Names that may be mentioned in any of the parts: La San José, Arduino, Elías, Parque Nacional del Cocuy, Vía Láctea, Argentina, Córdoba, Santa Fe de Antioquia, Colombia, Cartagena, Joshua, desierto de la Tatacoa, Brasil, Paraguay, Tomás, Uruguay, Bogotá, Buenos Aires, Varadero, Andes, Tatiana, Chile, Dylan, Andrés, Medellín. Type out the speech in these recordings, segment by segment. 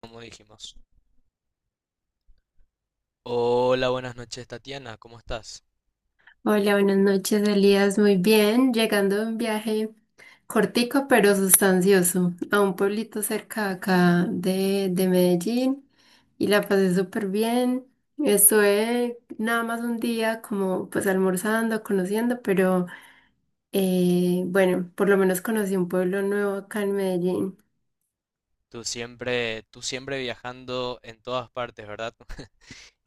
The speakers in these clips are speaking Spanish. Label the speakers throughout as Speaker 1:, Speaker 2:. Speaker 1: Como dijimos. Hola, buenas noches, Tatiana, ¿cómo estás?
Speaker 2: Hola, buenas noches, Elías. Muy bien, llegando de un viaje cortico pero sustancioso a un pueblito cerca de acá de Medellín y la pasé súper bien. Estuve nada más un día como pues almorzando, conociendo, pero bueno, por lo menos conocí un pueblo nuevo acá en Medellín.
Speaker 1: Tú siempre viajando en todas partes, ¿verdad?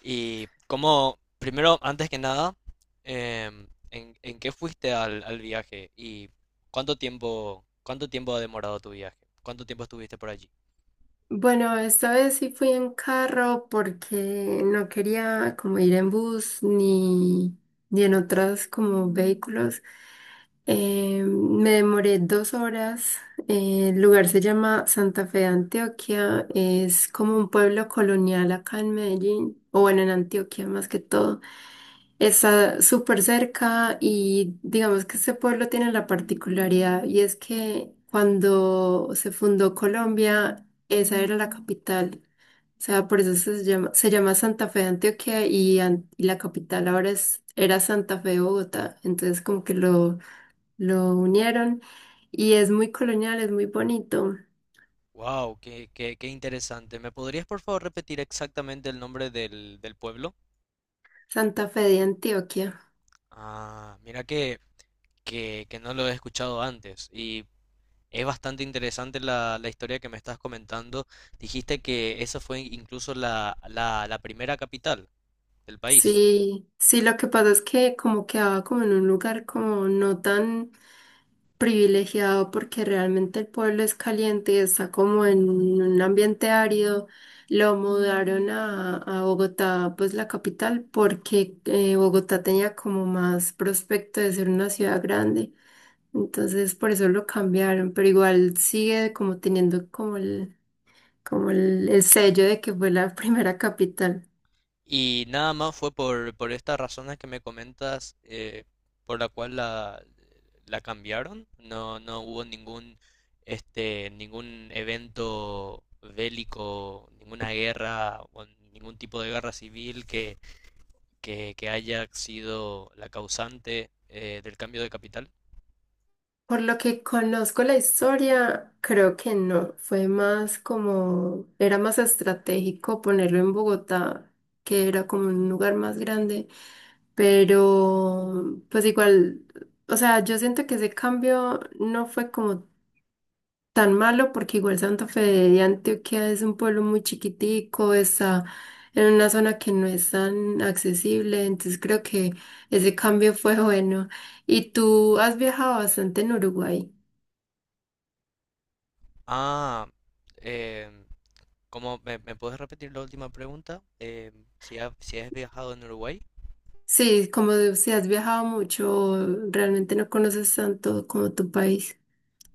Speaker 1: Y cómo, primero, antes que nada, ¿en qué fuiste al viaje? ¿Y cuánto tiempo ha demorado tu viaje? ¿Cuánto tiempo estuviste por allí?
Speaker 2: Bueno, esta vez sí fui en carro porque no quería como ir en bus ni en otros como vehículos. Me demoré 2 horas. El lugar se llama Santa Fe de Antioquia. Es como un pueblo colonial acá en Medellín, o bueno, en Antioquia más que todo. Está súper cerca y digamos que este pueblo tiene la particularidad y es que cuando se fundó Colombia, esa era la capital. O sea, por eso se llama Santa Fe de Antioquia y, y la capital ahora es, era Santa Fe de Bogotá. Entonces como que lo unieron y es muy colonial, es muy bonito.
Speaker 1: Wow, qué interesante. ¿Me podrías por favor repetir exactamente el nombre del pueblo?
Speaker 2: Santa Fe de Antioquia.
Speaker 1: Ah, mira que no lo he escuchado antes y es bastante interesante la historia que me estás comentando. Dijiste que esa fue incluso la primera capital del país
Speaker 2: Sí, sí, lo que pasa es que como quedaba como en un lugar como no tan privilegiado porque realmente el pueblo es caliente y está como en un ambiente árido. Lo mudaron a Bogotá, pues la capital, porque Bogotá tenía como más prospecto de ser una ciudad grande. Entonces por eso lo cambiaron, pero igual sigue como teniendo como el sello de que fue la primera capital.
Speaker 1: y nada más fue por estas razones que me comentas, por la cual la cambiaron. No hubo ningún, ningún evento bélico, ninguna guerra o ningún tipo de guerra civil que haya sido la causante, ¿del cambio de capital?
Speaker 2: Por lo que conozco la historia, creo que no, fue más como, era más estratégico ponerlo en Bogotá, que era como un lugar más grande, pero pues igual, o sea, yo siento que ese cambio no fue como tan malo porque igual Santa Fe de Antioquia es un pueblo muy chiquitico, está en una zona que no es tan accesible, entonces creo que ese cambio fue bueno. ¿Y tú has viajado bastante en Uruguay?
Speaker 1: Ah, eh, ¿cómo me puedes repetir la última pregunta? Si, si has viajado en Uruguay.
Speaker 2: Sí, si has viajado mucho, realmente no conoces tanto como tu país.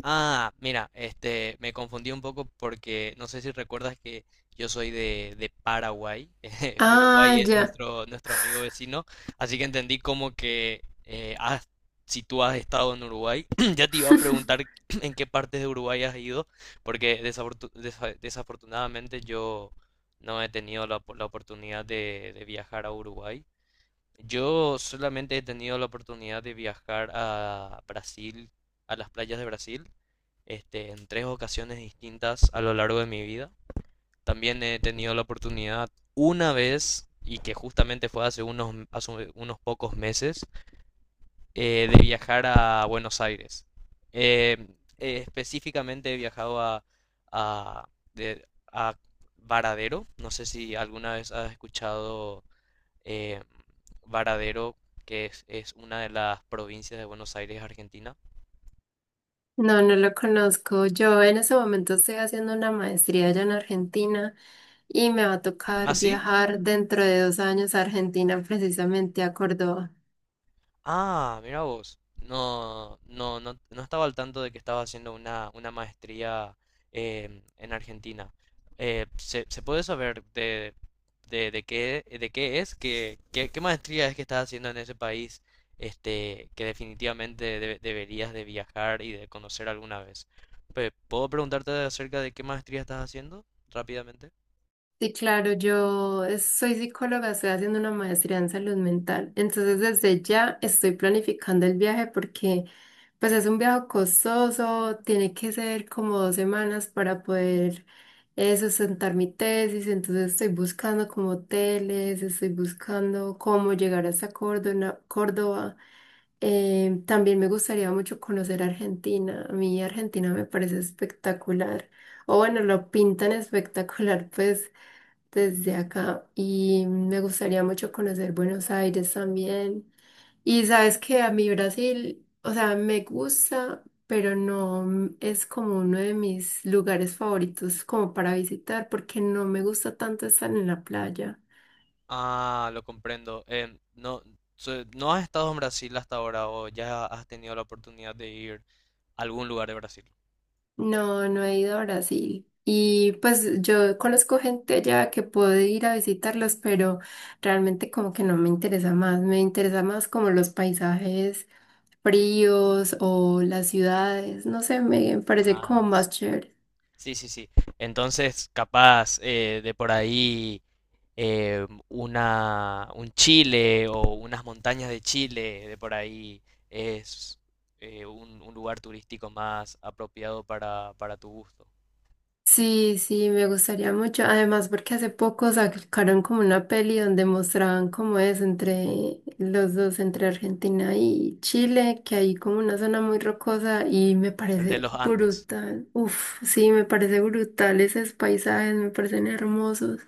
Speaker 1: Ah, mira, este, me confundí un poco porque no sé si recuerdas que yo soy de Paraguay. Uruguay
Speaker 2: Ah,
Speaker 1: es
Speaker 2: ya.
Speaker 1: nuestro amigo vecino, así que entendí como que si tú has estado en Uruguay, ya te iba a sí preguntar en qué partes de Uruguay has ido, porque desafortunadamente yo no he tenido la, la oportunidad de viajar a Uruguay. Yo solamente he tenido la oportunidad de viajar a Brasil, a las playas de Brasil, este, en tres ocasiones distintas a lo largo de mi vida. También he tenido la oportunidad una vez, y que justamente fue hace unos pocos meses, de viajar a Buenos Aires. Eh, Específicamente he viajado a, de- a Varadero. No sé si alguna vez has escuchado, eh, Varadero, que es una de las provincias de Buenos Aires, Argentina.
Speaker 2: No, no lo conozco. Yo en ese momento estoy haciendo una maestría allá en Argentina y me va a
Speaker 1: ¿Ah,
Speaker 2: tocar
Speaker 1: sí?
Speaker 2: viajar dentro de 2 años a Argentina, precisamente a Córdoba.
Speaker 1: Ah, mira vos. No estaba al tanto de que estaba haciendo una maestría, en Argentina. Se puede saber de qué es? Qué maestría es que estás haciendo en ese país? Este, que definitivamente deberías de viajar y de conocer alguna vez. ¿Puedo preguntarte acerca de qué maestría estás haciendo rápidamente?
Speaker 2: Sí, claro, soy psicóloga, estoy haciendo una maestría en salud mental, entonces desde ya estoy planificando el viaje porque pues es un viaje costoso, tiene que ser como 2 semanas para poder sustentar mi tesis, entonces estoy buscando como hoteles, estoy buscando cómo llegar hasta Córdoba. También me gustaría mucho conocer Argentina. A mí Argentina me parece espectacular. O bueno, lo pintan espectacular, pues desde acá y me gustaría mucho conocer Buenos Aires también. Y sabes que a mí Brasil, o sea, me gusta, pero no es como uno de mis lugares favoritos como para visitar porque no me gusta tanto estar en la playa.
Speaker 1: Ah, lo comprendo. No, ¿no has estado en Brasil hasta ahora o ya has tenido la oportunidad de ir a algún lugar de Brasil?
Speaker 2: No, no he ido a Brasil. Y pues yo conozco gente ya que puede ir a visitarlos, pero realmente como que no me interesa más. Me interesa más como los paisajes fríos o las ciudades, no sé, me parece como
Speaker 1: Ah,
Speaker 2: más chévere.
Speaker 1: sí, sí, sí, sí. Entonces, capaz, de por ahí, un Chile o unas montañas de Chile, de por ahí es un lugar turístico más apropiado para tu gusto.
Speaker 2: Sí, sí, me gustaría mucho. Además, porque hace poco sacaron como una peli donde mostraban cómo es entre los dos, entre Argentina y Chile, que hay como una zona muy rocosa y me
Speaker 1: El de
Speaker 2: parece
Speaker 1: los Andes.
Speaker 2: brutal. Uf, sí, me parece brutal esos paisajes, me parecen hermosos.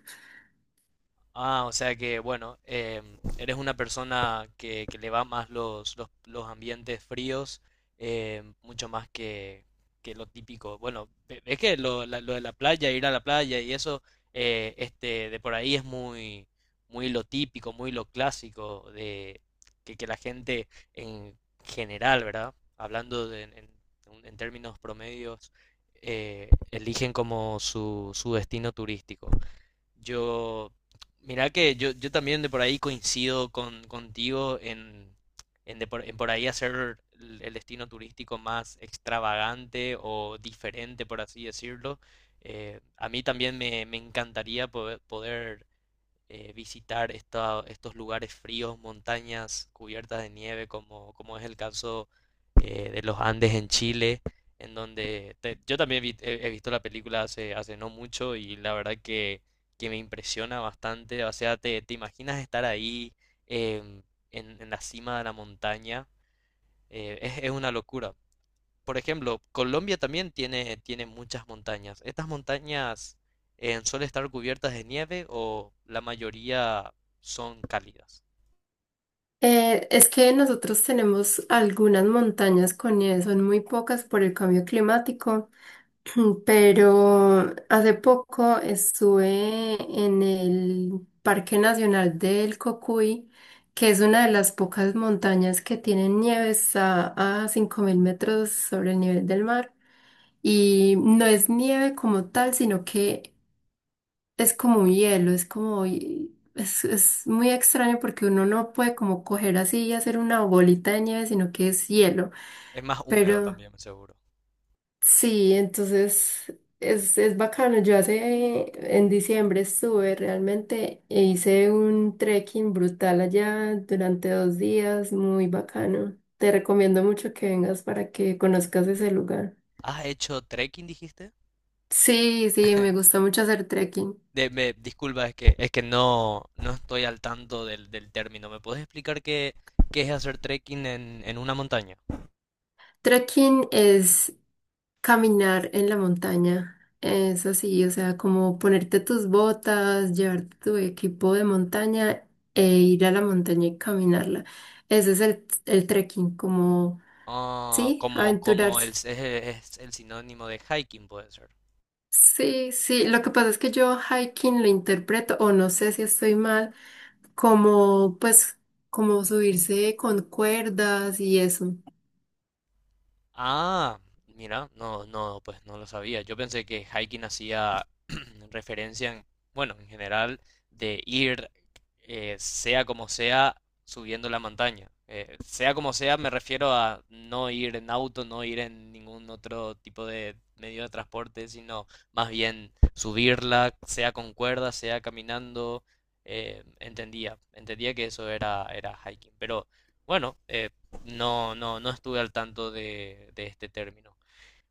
Speaker 1: Ah, o sea que, bueno, em, eres una persona que le va más los ambientes fríos, em, mucho más que lo típico. Bueno, ves que lo de la playa, ir a la playa y eso, de por ahí es muy lo típico, muy lo clásico de que la gente en general, ¿verdad? Hablando en términos promedios, eligen como su destino turístico. Yo, mirá que yo también de por ahí coincido con, contigo en, de por, en por ahí hacer el destino turístico más extravagante o diferente, por así decirlo. A mí también me encantaría poder, visitar estos lugares fríos, montañas cubiertas de nieve, como, como es el caso, de los Andes en Chile, en donde yo también he, he visto la película hace, hace no mucho y la verdad que me impresiona bastante. O sea, te imaginas estar ahí, em, en la cima de la montaña, es una locura. Por ejemplo, Colombia también tiene, tiene muchas montañas. ¿Estas montañas, suelen estar cubiertas de nieve o la mayoría son cálidas?
Speaker 2: Es que nosotros tenemos algunas montañas con nieve, son muy pocas por el cambio climático. Mm, pero hace poco estuve en el Parque Nacional del Cocuy, que es una de las pocas montañas que tienen nieves a 5.000 metros sobre el nivel del mar. Y no es nieve como tal, sino que es como un hielo, es como... es muy extraño porque uno no puede como coger así y hacer una bolita de nieve, sino que es hielo.
Speaker 1: Es más húmedo
Speaker 2: Pero...
Speaker 1: también, seguro.
Speaker 2: Sí, entonces es bacano. Yo hace, en diciembre estuve realmente e hice un trekking brutal allá durante 2 días, muy bacano. Te recomiendo mucho que vengas para que conozcas ese lugar.
Speaker 1: ¿Has hecho trekking, dijiste?
Speaker 2: Sí, sí, me gusta mucho hacer trekking.
Speaker 1: Disculpa, es que no, no estoy al tanto del término. ¿Me puedes explicar qué, qué es hacer trekking en una montaña?
Speaker 2: Trekking es caminar en la montaña es así, o sea, como ponerte tus botas, llevarte tu equipo de montaña e ir a la montaña y caminarla. Ese es el trekking, como,
Speaker 1: Ah,
Speaker 2: sí,
Speaker 1: como, como el,
Speaker 2: aventurarse.
Speaker 1: es el sinónimo de hiking, puede ser.
Speaker 2: Sí, sí, lo que pasa es que yo hiking lo interpreto, o no sé si estoy mal, como, pues, como subirse con cuerdas y eso.
Speaker 1: Ah, mira, no, no, pues no lo sabía. Yo pensé que hiking hacía referencia en, bueno, en general de ir, sea como sea, subiendo la montaña. Sea como sea, me refiero a no ir en auto, no ir en ningún otro tipo de medio de transporte, sino más bien subirla, sea con cuerda, sea caminando. Entendía que eso era hiking, pero bueno, no, no, no estuve al tanto de este término.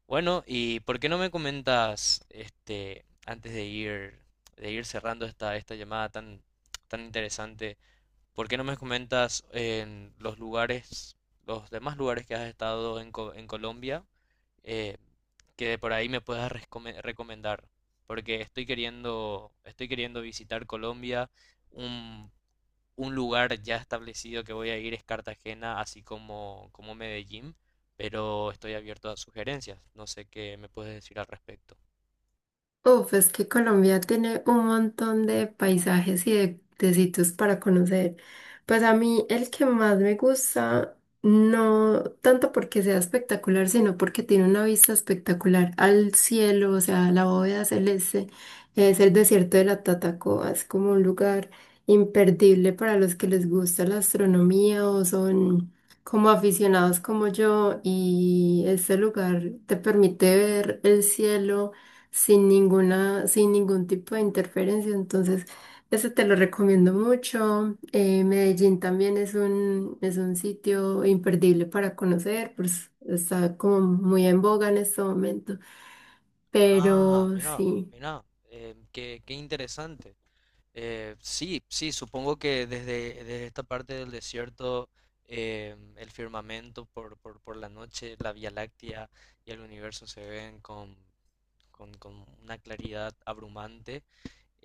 Speaker 1: Bueno, ¿y por qué no me comentas, este, antes de ir cerrando esta llamada tan interesante, por qué no me comentas en los lugares, los demás lugares que has estado en, en Colombia, eh, que por ahí me puedas recomendar? Porque estoy queriendo visitar Colombia, un un lugar ya establecido que voy a ir es Cartagena, así como, como Medellín, pero estoy abierto a sugerencias. No sé qué me puedes decir al respecto.
Speaker 2: Uf, es que Colombia tiene un montón de paisajes y de sitios para conocer. Pues a mí el que más me gusta, no tanto porque sea espectacular, sino porque tiene una vista espectacular al cielo, o sea, la bóveda celeste, es el desierto de la Tatacoa, es como un lugar imperdible para los que les gusta la astronomía o son como aficionados como yo y este lugar te permite ver el cielo sin ningún tipo de interferencia. Entonces, eso te lo recomiendo mucho. Medellín también es es un sitio imperdible para conocer, pues está como muy en boga en este momento.
Speaker 1: Ah,
Speaker 2: Pero
Speaker 1: mira,
Speaker 2: sí,
Speaker 1: mira, qué interesante. Sí, sí, supongo que desde, desde esta parte del desierto, el firmamento por la noche, la Vía Láctea y el universo se ven con una claridad abrumante.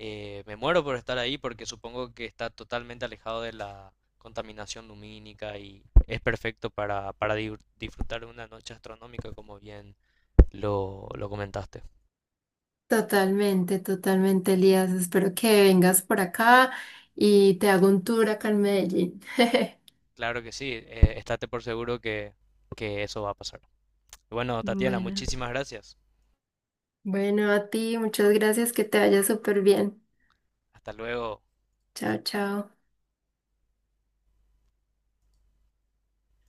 Speaker 1: Me muero por estar ahí porque supongo que está totalmente alejado de la contaminación lumínica y es perfecto para disfrutar de una noche astronómica, como bien lo comentaste.
Speaker 2: totalmente, totalmente, Elías. Espero que vengas por acá y te hago un tour acá en Medellín.
Speaker 1: Claro que sí, estate por seguro que eso va a pasar. Bueno, Tatiana,
Speaker 2: Bueno,
Speaker 1: muchísimas gracias.
Speaker 2: bueno, a ti, muchas gracias, que te vaya súper bien.
Speaker 1: Hasta luego.
Speaker 2: Chao, chao.